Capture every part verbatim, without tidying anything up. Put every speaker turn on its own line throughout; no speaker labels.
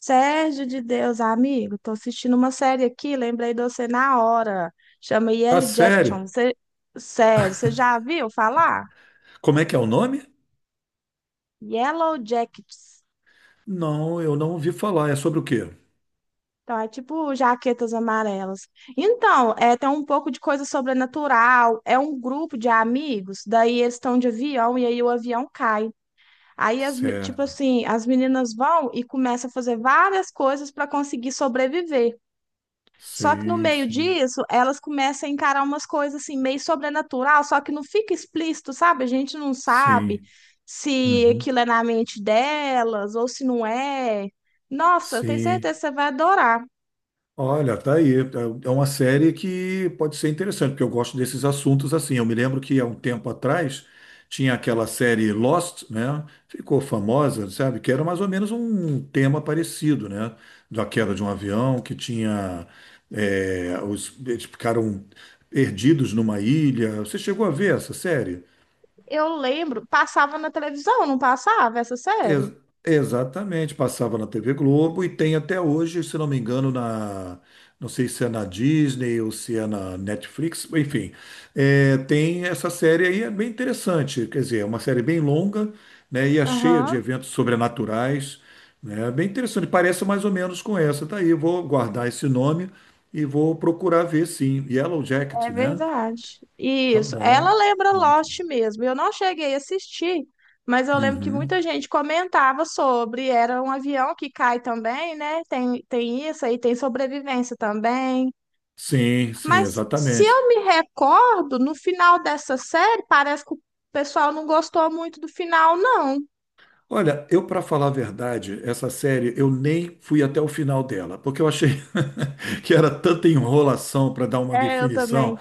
Sérgio de Deus, amigo, tô assistindo uma série aqui, lembrei de você na hora. Chama
Ah,
Yellow Jackson.
sério?
Você, sério, você já viu falar?
Como é que é o nome?
Yellow Jackets.
Não, eu não ouvi falar. É sobre o quê?
Então, é tipo jaquetas amarelas. Então, é, tem um pouco de coisa sobrenatural. É um grupo de amigos, daí eles estão de avião e aí o avião cai. Aí, as, me- tipo
Certo.
assim, as meninas vão e começam a fazer várias coisas para conseguir sobreviver. Só que no
Sim,
meio
sim.
disso, elas começam a encarar umas coisas assim, meio sobrenatural, só que não fica explícito, sabe? A gente não sabe
Sim.
se
Uhum.
aquilo é na mente delas ou se não é. Nossa, eu tenho
Sim.
certeza que você vai adorar.
Olha, tá aí. É é uma série que pode ser interessante, porque eu gosto desses assuntos assim. Eu me lembro que há um tempo atrás tinha aquela série Lost, né? Ficou famosa, sabe? Que era mais ou menos um tema parecido, né? Da queda de um avião que tinha. é, os, eles ficaram perdidos numa ilha. Você chegou a ver essa série?
Eu lembro, passava na televisão, não passava essa série?
Ex- exatamente, passava na T V Globo e tem até hoje, se não me engano, na, não sei se é na Disney ou se é na Netflix, enfim, é, tem essa série aí, é bem interessante, quer dizer, é uma série bem longa, né, e é cheia de
Aham.
eventos sobrenaturais, né, é bem interessante, parece mais ou menos com essa, tá aí, eu vou guardar esse nome e vou procurar ver, sim, Yellow Jacket,
É
né,
verdade.
tá
Isso. Ela
bom,
lembra Lost
ótimo.
mesmo. Eu não cheguei a assistir, mas eu lembro que
Uhum.
muita gente comentava sobre. Era um avião que cai também, né? Tem, tem isso aí, tem sobrevivência também.
Sim, sim,
Mas se
exatamente.
eu me recordo, no final dessa série, parece que o pessoal não gostou muito do final, não.
Olha, eu para falar a verdade, essa série eu nem fui até o final dela, porque eu achei que era tanta enrolação para dar uma
É, eu
definição.
também.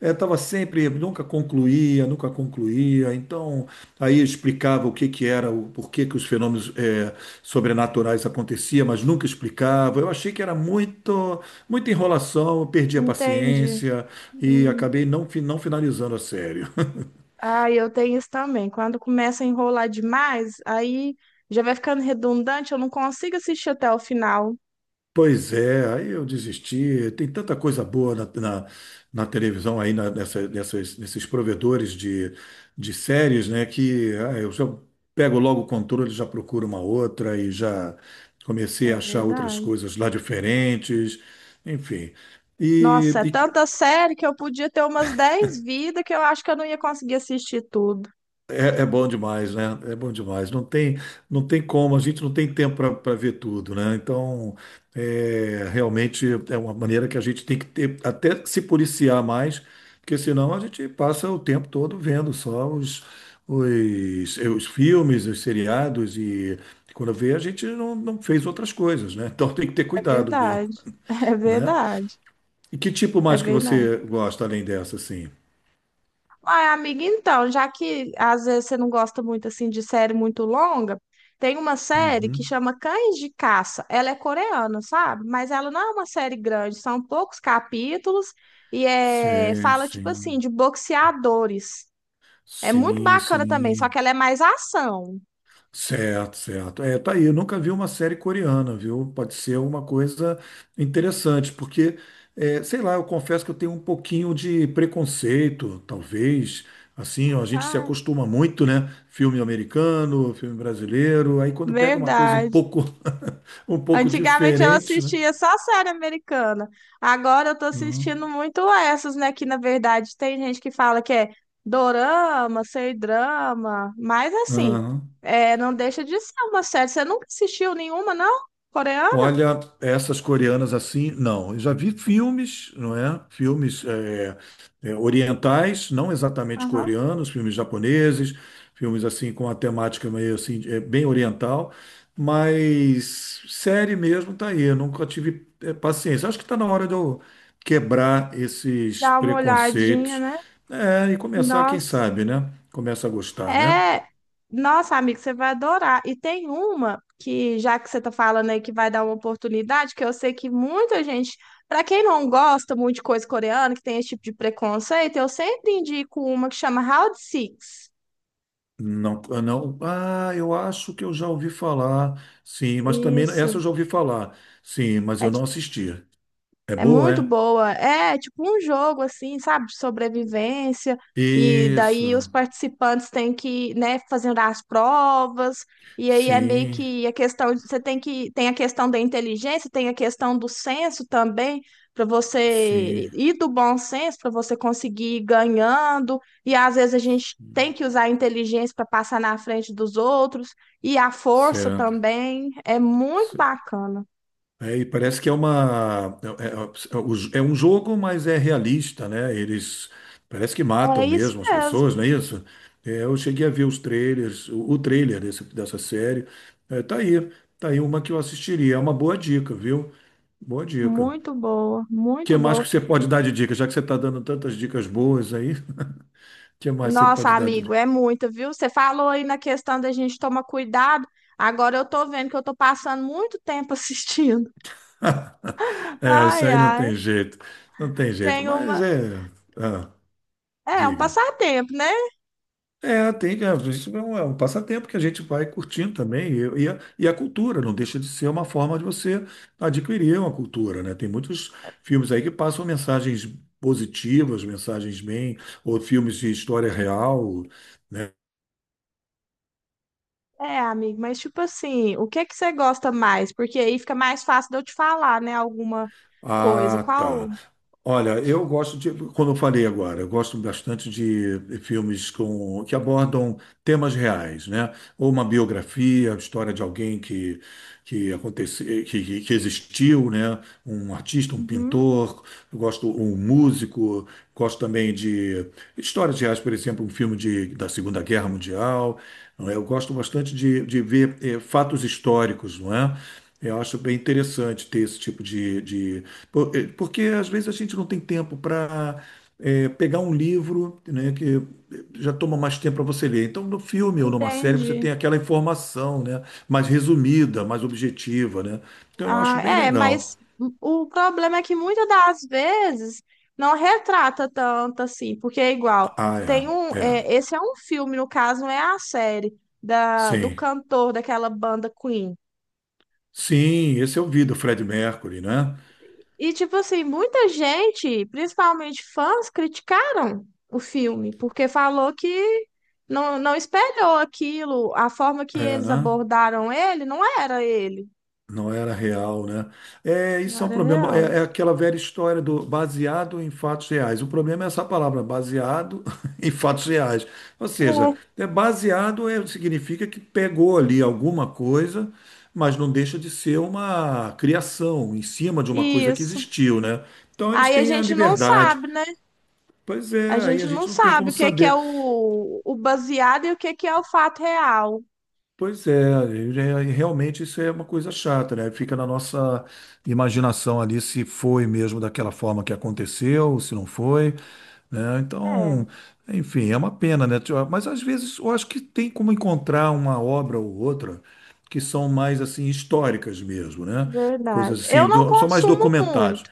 Eu tava sempre, nunca concluía, nunca concluía. Então, aí explicava o que que era, o porquê que os fenômenos eh, sobrenaturais aconteciam, mas nunca explicava. Eu achei que era muito, muita enrolação, eu perdi a
Entendi.
paciência e
Hum.
acabei não, fi- não finalizando a série.
Ah, eu tenho isso também. Quando começa a enrolar demais, aí já vai ficando redundante, eu não consigo assistir até o final.
Pois é, aí eu desisti. Tem tanta coisa boa na, na, na televisão aí, na- nessa- nessas- nesses provedores de, de séries, né? Que ah, eu já pego logo o controle, já procuro uma outra e já comecei a
É
achar outras
verdade.
coisas lá diferentes, enfim. E,
Nossa, é tanta série que eu podia ter umas dez vidas que eu acho que eu não ia conseguir assistir tudo.
é, é bom demais, né? É bom demais. Não tem, não tem como, a gente não tem tempo para ver tudo, né? Então, é, realmente é uma maneira que a gente tem que ter, até se policiar mais, porque senão a gente passa o tempo todo vendo só os, os, os filmes, os seriados, e quando vê, a gente não, não fez outras coisas, né? Então tem que ter
É
cuidado mesmo,
verdade. É
né?
verdade.
E que tipo
É
mais que
verdade.
você gosta além dessa, assim?
Ai, amiga, então, já que às vezes você não gosta muito assim de série muito longa, tem uma série que
Uhum.
chama Cães de Caça. Ela é coreana, sabe? Mas ela não é uma série grande, são poucos capítulos e é,
Sim,
fala tipo assim
sim,
de boxeadores. É muito
sim,
bacana também, só que
sim.
ela é mais ação.
Certo, certo. É, tá aí. Eu nunca vi uma série coreana, viu? Pode ser uma coisa interessante, porque, é, sei lá, eu confesso que eu tenho um pouquinho de preconceito, talvez. Assim, ó, a gente se
Ai,
acostuma muito, né? Filme americano, filme brasileiro. Aí quando pega uma coisa um
verdade.
pouco, um pouco
Antigamente eu
diferente, né?
assistia só série americana. Agora eu tô
Uhum.
assistindo muito essas, né? Que na verdade tem gente que fala que é dorama, sei drama, mas assim,
Aham.
é, não deixa de ser uma série. Você nunca assistiu nenhuma, não? Coreana?
Olha, essas coreanas assim, não. Eu já vi filmes, não é? Filmes é, é, orientais, não exatamente
Aham.
coreanos, filmes japoneses, filmes assim com a temática meio assim, é, bem oriental, mas série mesmo tá aí. Eu nunca tive é, paciência. Acho que está na hora de eu quebrar esses
Dá uma olhadinha,
preconceitos,
né?
é, e começar, quem
Nossa,
sabe, né? Começa a gostar, né?
é, nossa, amigo, você vai adorar. E tem uma que, já que você tá falando aí que vai dar uma oportunidade, que eu sei que muita gente, para quem não gosta muito de coisa coreana, que tem esse tipo de preconceito, eu sempre indico uma que chama Round Six.
Não, ah, não. Ah, eu acho que eu já ouvi falar. Sim, mas também essa
Isso.
eu já ouvi falar. Sim, mas
É.
eu não assisti. É
É
boa,
muito
é?
boa. É tipo um jogo assim, sabe, de sobrevivência. E
Isso.
daí os participantes têm que, né, fazendo as provas. E aí é meio
Sim,
que a questão, de- você tem que tem a questão da inteligência, tem a questão do senso também, para você
sim.
e do bom senso para você conseguir ir ganhando. E às vezes a gente tem que usar a inteligência para passar na frente dos outros e a força
Certo.
também. É muito
Ce-
bacana.
É, e parece que é uma é, é- é é o- é um jogo, mas é realista, né? Eles parece que
É
matam
isso
mesmo as
mesmo.
pessoas, não é isso? É, eu cheguei a ver os trailers, o, o trailer desse- dessa série. É, tá aí, tá aí uma que eu assistiria. É uma boa dica, viu? Boa dica.
Muito boa,
Que
muito
mais
boa.
que você pode dar de dica? Já que você está dando tantas dicas boas aí, que mais você
Nossa,
pode dar de
amigo,
dica?
é muito, viu? Você falou aí na questão da gente tomar cuidado. Agora eu tô vendo que eu tô passando muito tempo assistindo.
É, isso
Ai,
aí não
ai.
tem jeito. Não tem jeito.
Tem
Mas
uma.
é. Ah,
É, um
diga.
passatempo, né?
É, tem, é, isso é um, é um passatempo que a gente vai curtindo também. E, e a, e a cultura não deixa de ser uma forma de você adquirir uma cultura, né? Tem muitos filmes aí que passam mensagens positivas, mensagens bem, ou filmes de história real, né?
É, amigo, mas tipo assim, o que que você gosta mais? Porque aí fica mais fácil de eu te falar, né? Alguma coisa.
Ah, tá.
Qual?
Olha, eu gosto de, como eu falei agora, eu gosto bastante de filmes com, que abordam temas reais, né? Ou uma biografia, a história de alguém que que aconteceu, que, que- existiu, né? Um artista, um
Uhum,
pintor, eu gosto um músico, gosto também de histórias reais, por exemplo, um filme de, da Segunda Guerra Mundial. Não é? Eu gosto bastante de, de ver eh, fatos históricos, não é? Eu acho bem interessante ter esse tipo de, de... por- eh, porque às vezes a gente não tem tempo para pegar um livro, né, que já toma mais tempo para você ler. Então, no filme ou numa série, você tem
entendi.
aquela informação, né? Mais resumida, mais objetiva, né? Então eu acho
Ah,
bem
é,
legal.
mas o problema é que muitas das vezes não retrata tanto assim, porque é igual.
Ah,
Tem um,
é, é,
é, esse é um filme, no caso, não é a série da, do
sim.
cantor daquela banda Queen.
Sim, esse é o vídeo, Fred Mercury, né?
E, tipo assim, muita gente, principalmente fãs, criticaram o filme, porque falou que não, não espelhou aquilo, a forma que
É,
eles
né?
abordaram ele não era ele,
Não era real, né? É,
não
isso é um
era
problema.
real.
É, é aquela velha história do baseado em fatos reais. O problema é essa palavra, baseado em fatos reais. Ou seja,
É.
é baseado é, significa que pegou ali alguma coisa, mas não deixa de ser uma criação em cima de uma coisa que
Isso.
existiu, né? Então eles
Aí a
têm a
gente não
liberdade.
sabe, né?
Pois
A
é, aí a
gente
gente
não
não tem como
sabe o que é que é
saber.
o, o baseado e o que é que é o fato real.
Pois é, é, realmente isso é uma coisa chata, né? Fica na nossa imaginação ali se foi mesmo daquela forma que aconteceu, se não foi, né? Então,
É,
enfim, é uma pena, né? Tio? Mas às vezes eu acho que tem como encontrar uma obra ou outra que são mais assim históricas mesmo, né? Coisas
verdade. Eu
assim,
não
do- são mais
consumo
documentários.
muito.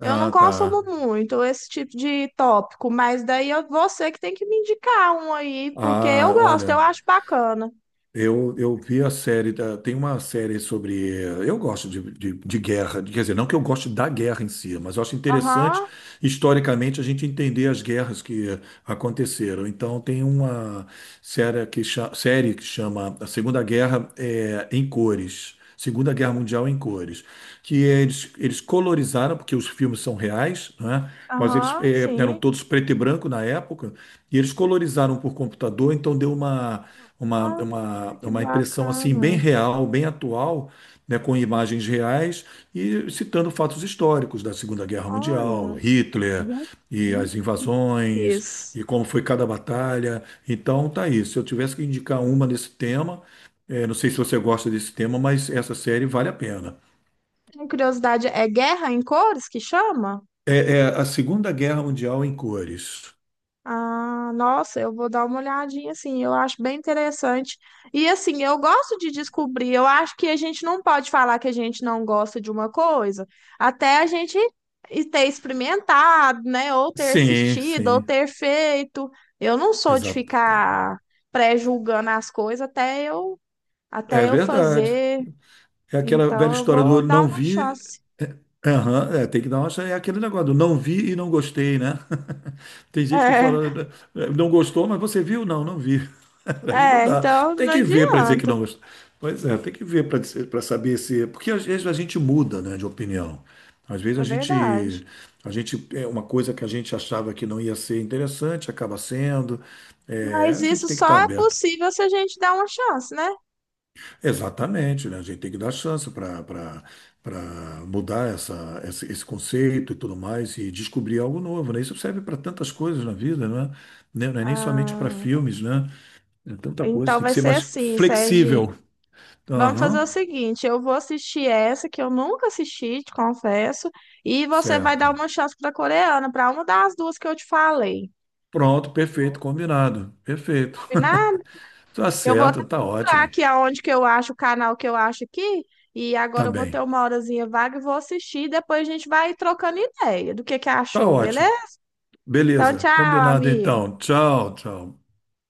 Eu não consumo
tá.
muito esse tipo de tópico, mas daí é você que tem que me indicar um aí, porque
Ah,
eu gosto, eu
olha.
acho bacana.
Eu, eu vi a série, da- tem uma série sobre. eh, Eu gosto de, de, de guerra, quer dizer, não que eu goste da guerra em si, mas eu acho interessante
Aham,
historicamente a gente entender as guerras que aconteceram. Então, tem uma série que, cha- série que chama A Segunda Guerra eh, em Cores. Segunda Guerra Mundial em Cores que eles, eles colorizaram, porque os filmes são reais, né? Mas eles
aham,
eh, eram
sim.
todos preto e branco na época, e eles colorizaram por computador, então deu uma, uma, uma,
Ai, que
uma impressão assim bem
bacana.
real, bem atual, né? Com imagens reais e citando fatos históricos da Segunda Guerra Mundial,
Olha,
Hitler
gu-
e
gu-
as invasões
cores.
e como foi cada batalha. Então tá aí. Se eu tivesse que indicar uma nesse tema, eh, não sei se você gosta desse tema, mas essa série vale a pena.
Tenho curiosidade, é guerra em cores que chama?
É, é a Segunda Guerra Mundial em cores.
Ah, nossa, eu vou dar uma olhadinha, assim, eu acho bem interessante. E assim, eu gosto de descobrir, eu acho que a gente não pode falar que a gente não gosta de uma coisa, até a gente e ter experimentado, né, ou ter
Sim,
assistido, ou
sim,
ter feito. Eu não sou de
exato.
ficar pré-julgando as coisas até eu,
É
até eu
verdade.
fazer,
É aquela velha
então eu
história do
vou dar
não
uma
vi.
chance.
Aham, é, tem que dar uma chance. É aquele negócio do não vi e não gostei, né? Tem gente que fala, né, não gostou, mas você viu? Não, não vi.
É,
Aí não
é,
dá.
então
Tem
não
que ver para dizer que
adianta,
não gostou. Pois é, tem que ver para dizer- para saber se. Porque às vezes a gente muda, né, de opinião. Às vezes a
é
gente,
verdade.
a gente é uma coisa que a gente achava que não ia ser interessante, acaba sendo. É,
Mas
a gente
isso
tem que estar
só é
aberto.
possível se a gente dar uma chance, né?
Exatamente, né? A gente tem que dar chance para para mudar essa, esse, esse conceito e tudo mais e descobrir algo novo, né? Isso serve para tantas coisas na vida, né? Né? Não é nem somente para
Ah,
filmes, né? É tanta coisa,
então
tem que
vai
ser
ser
mais
assim, Serginho.
flexível.
Vamos fazer o
Aham,
seguinte: eu vou assistir essa que eu nunca assisti, te confesso, e você vai dar
certo.
uma chance para coreana, para uma das duas que eu te falei.
Pronto, perfeito, combinado. Perfeito.
Combinado?
Tá
Eu vou
certo,
até
tá
procurar
ótimo.
aqui aonde que eu acho, o canal que eu acho aqui, e
Tá
agora eu vou ter
bem.
uma horazinha vaga e vou assistir, depois a gente vai trocando ideia do que que
Tá
achou, beleza?
ótimo.
Então,
Beleza,
tchau,
combinado
amigo.
então. Tchau, tchau.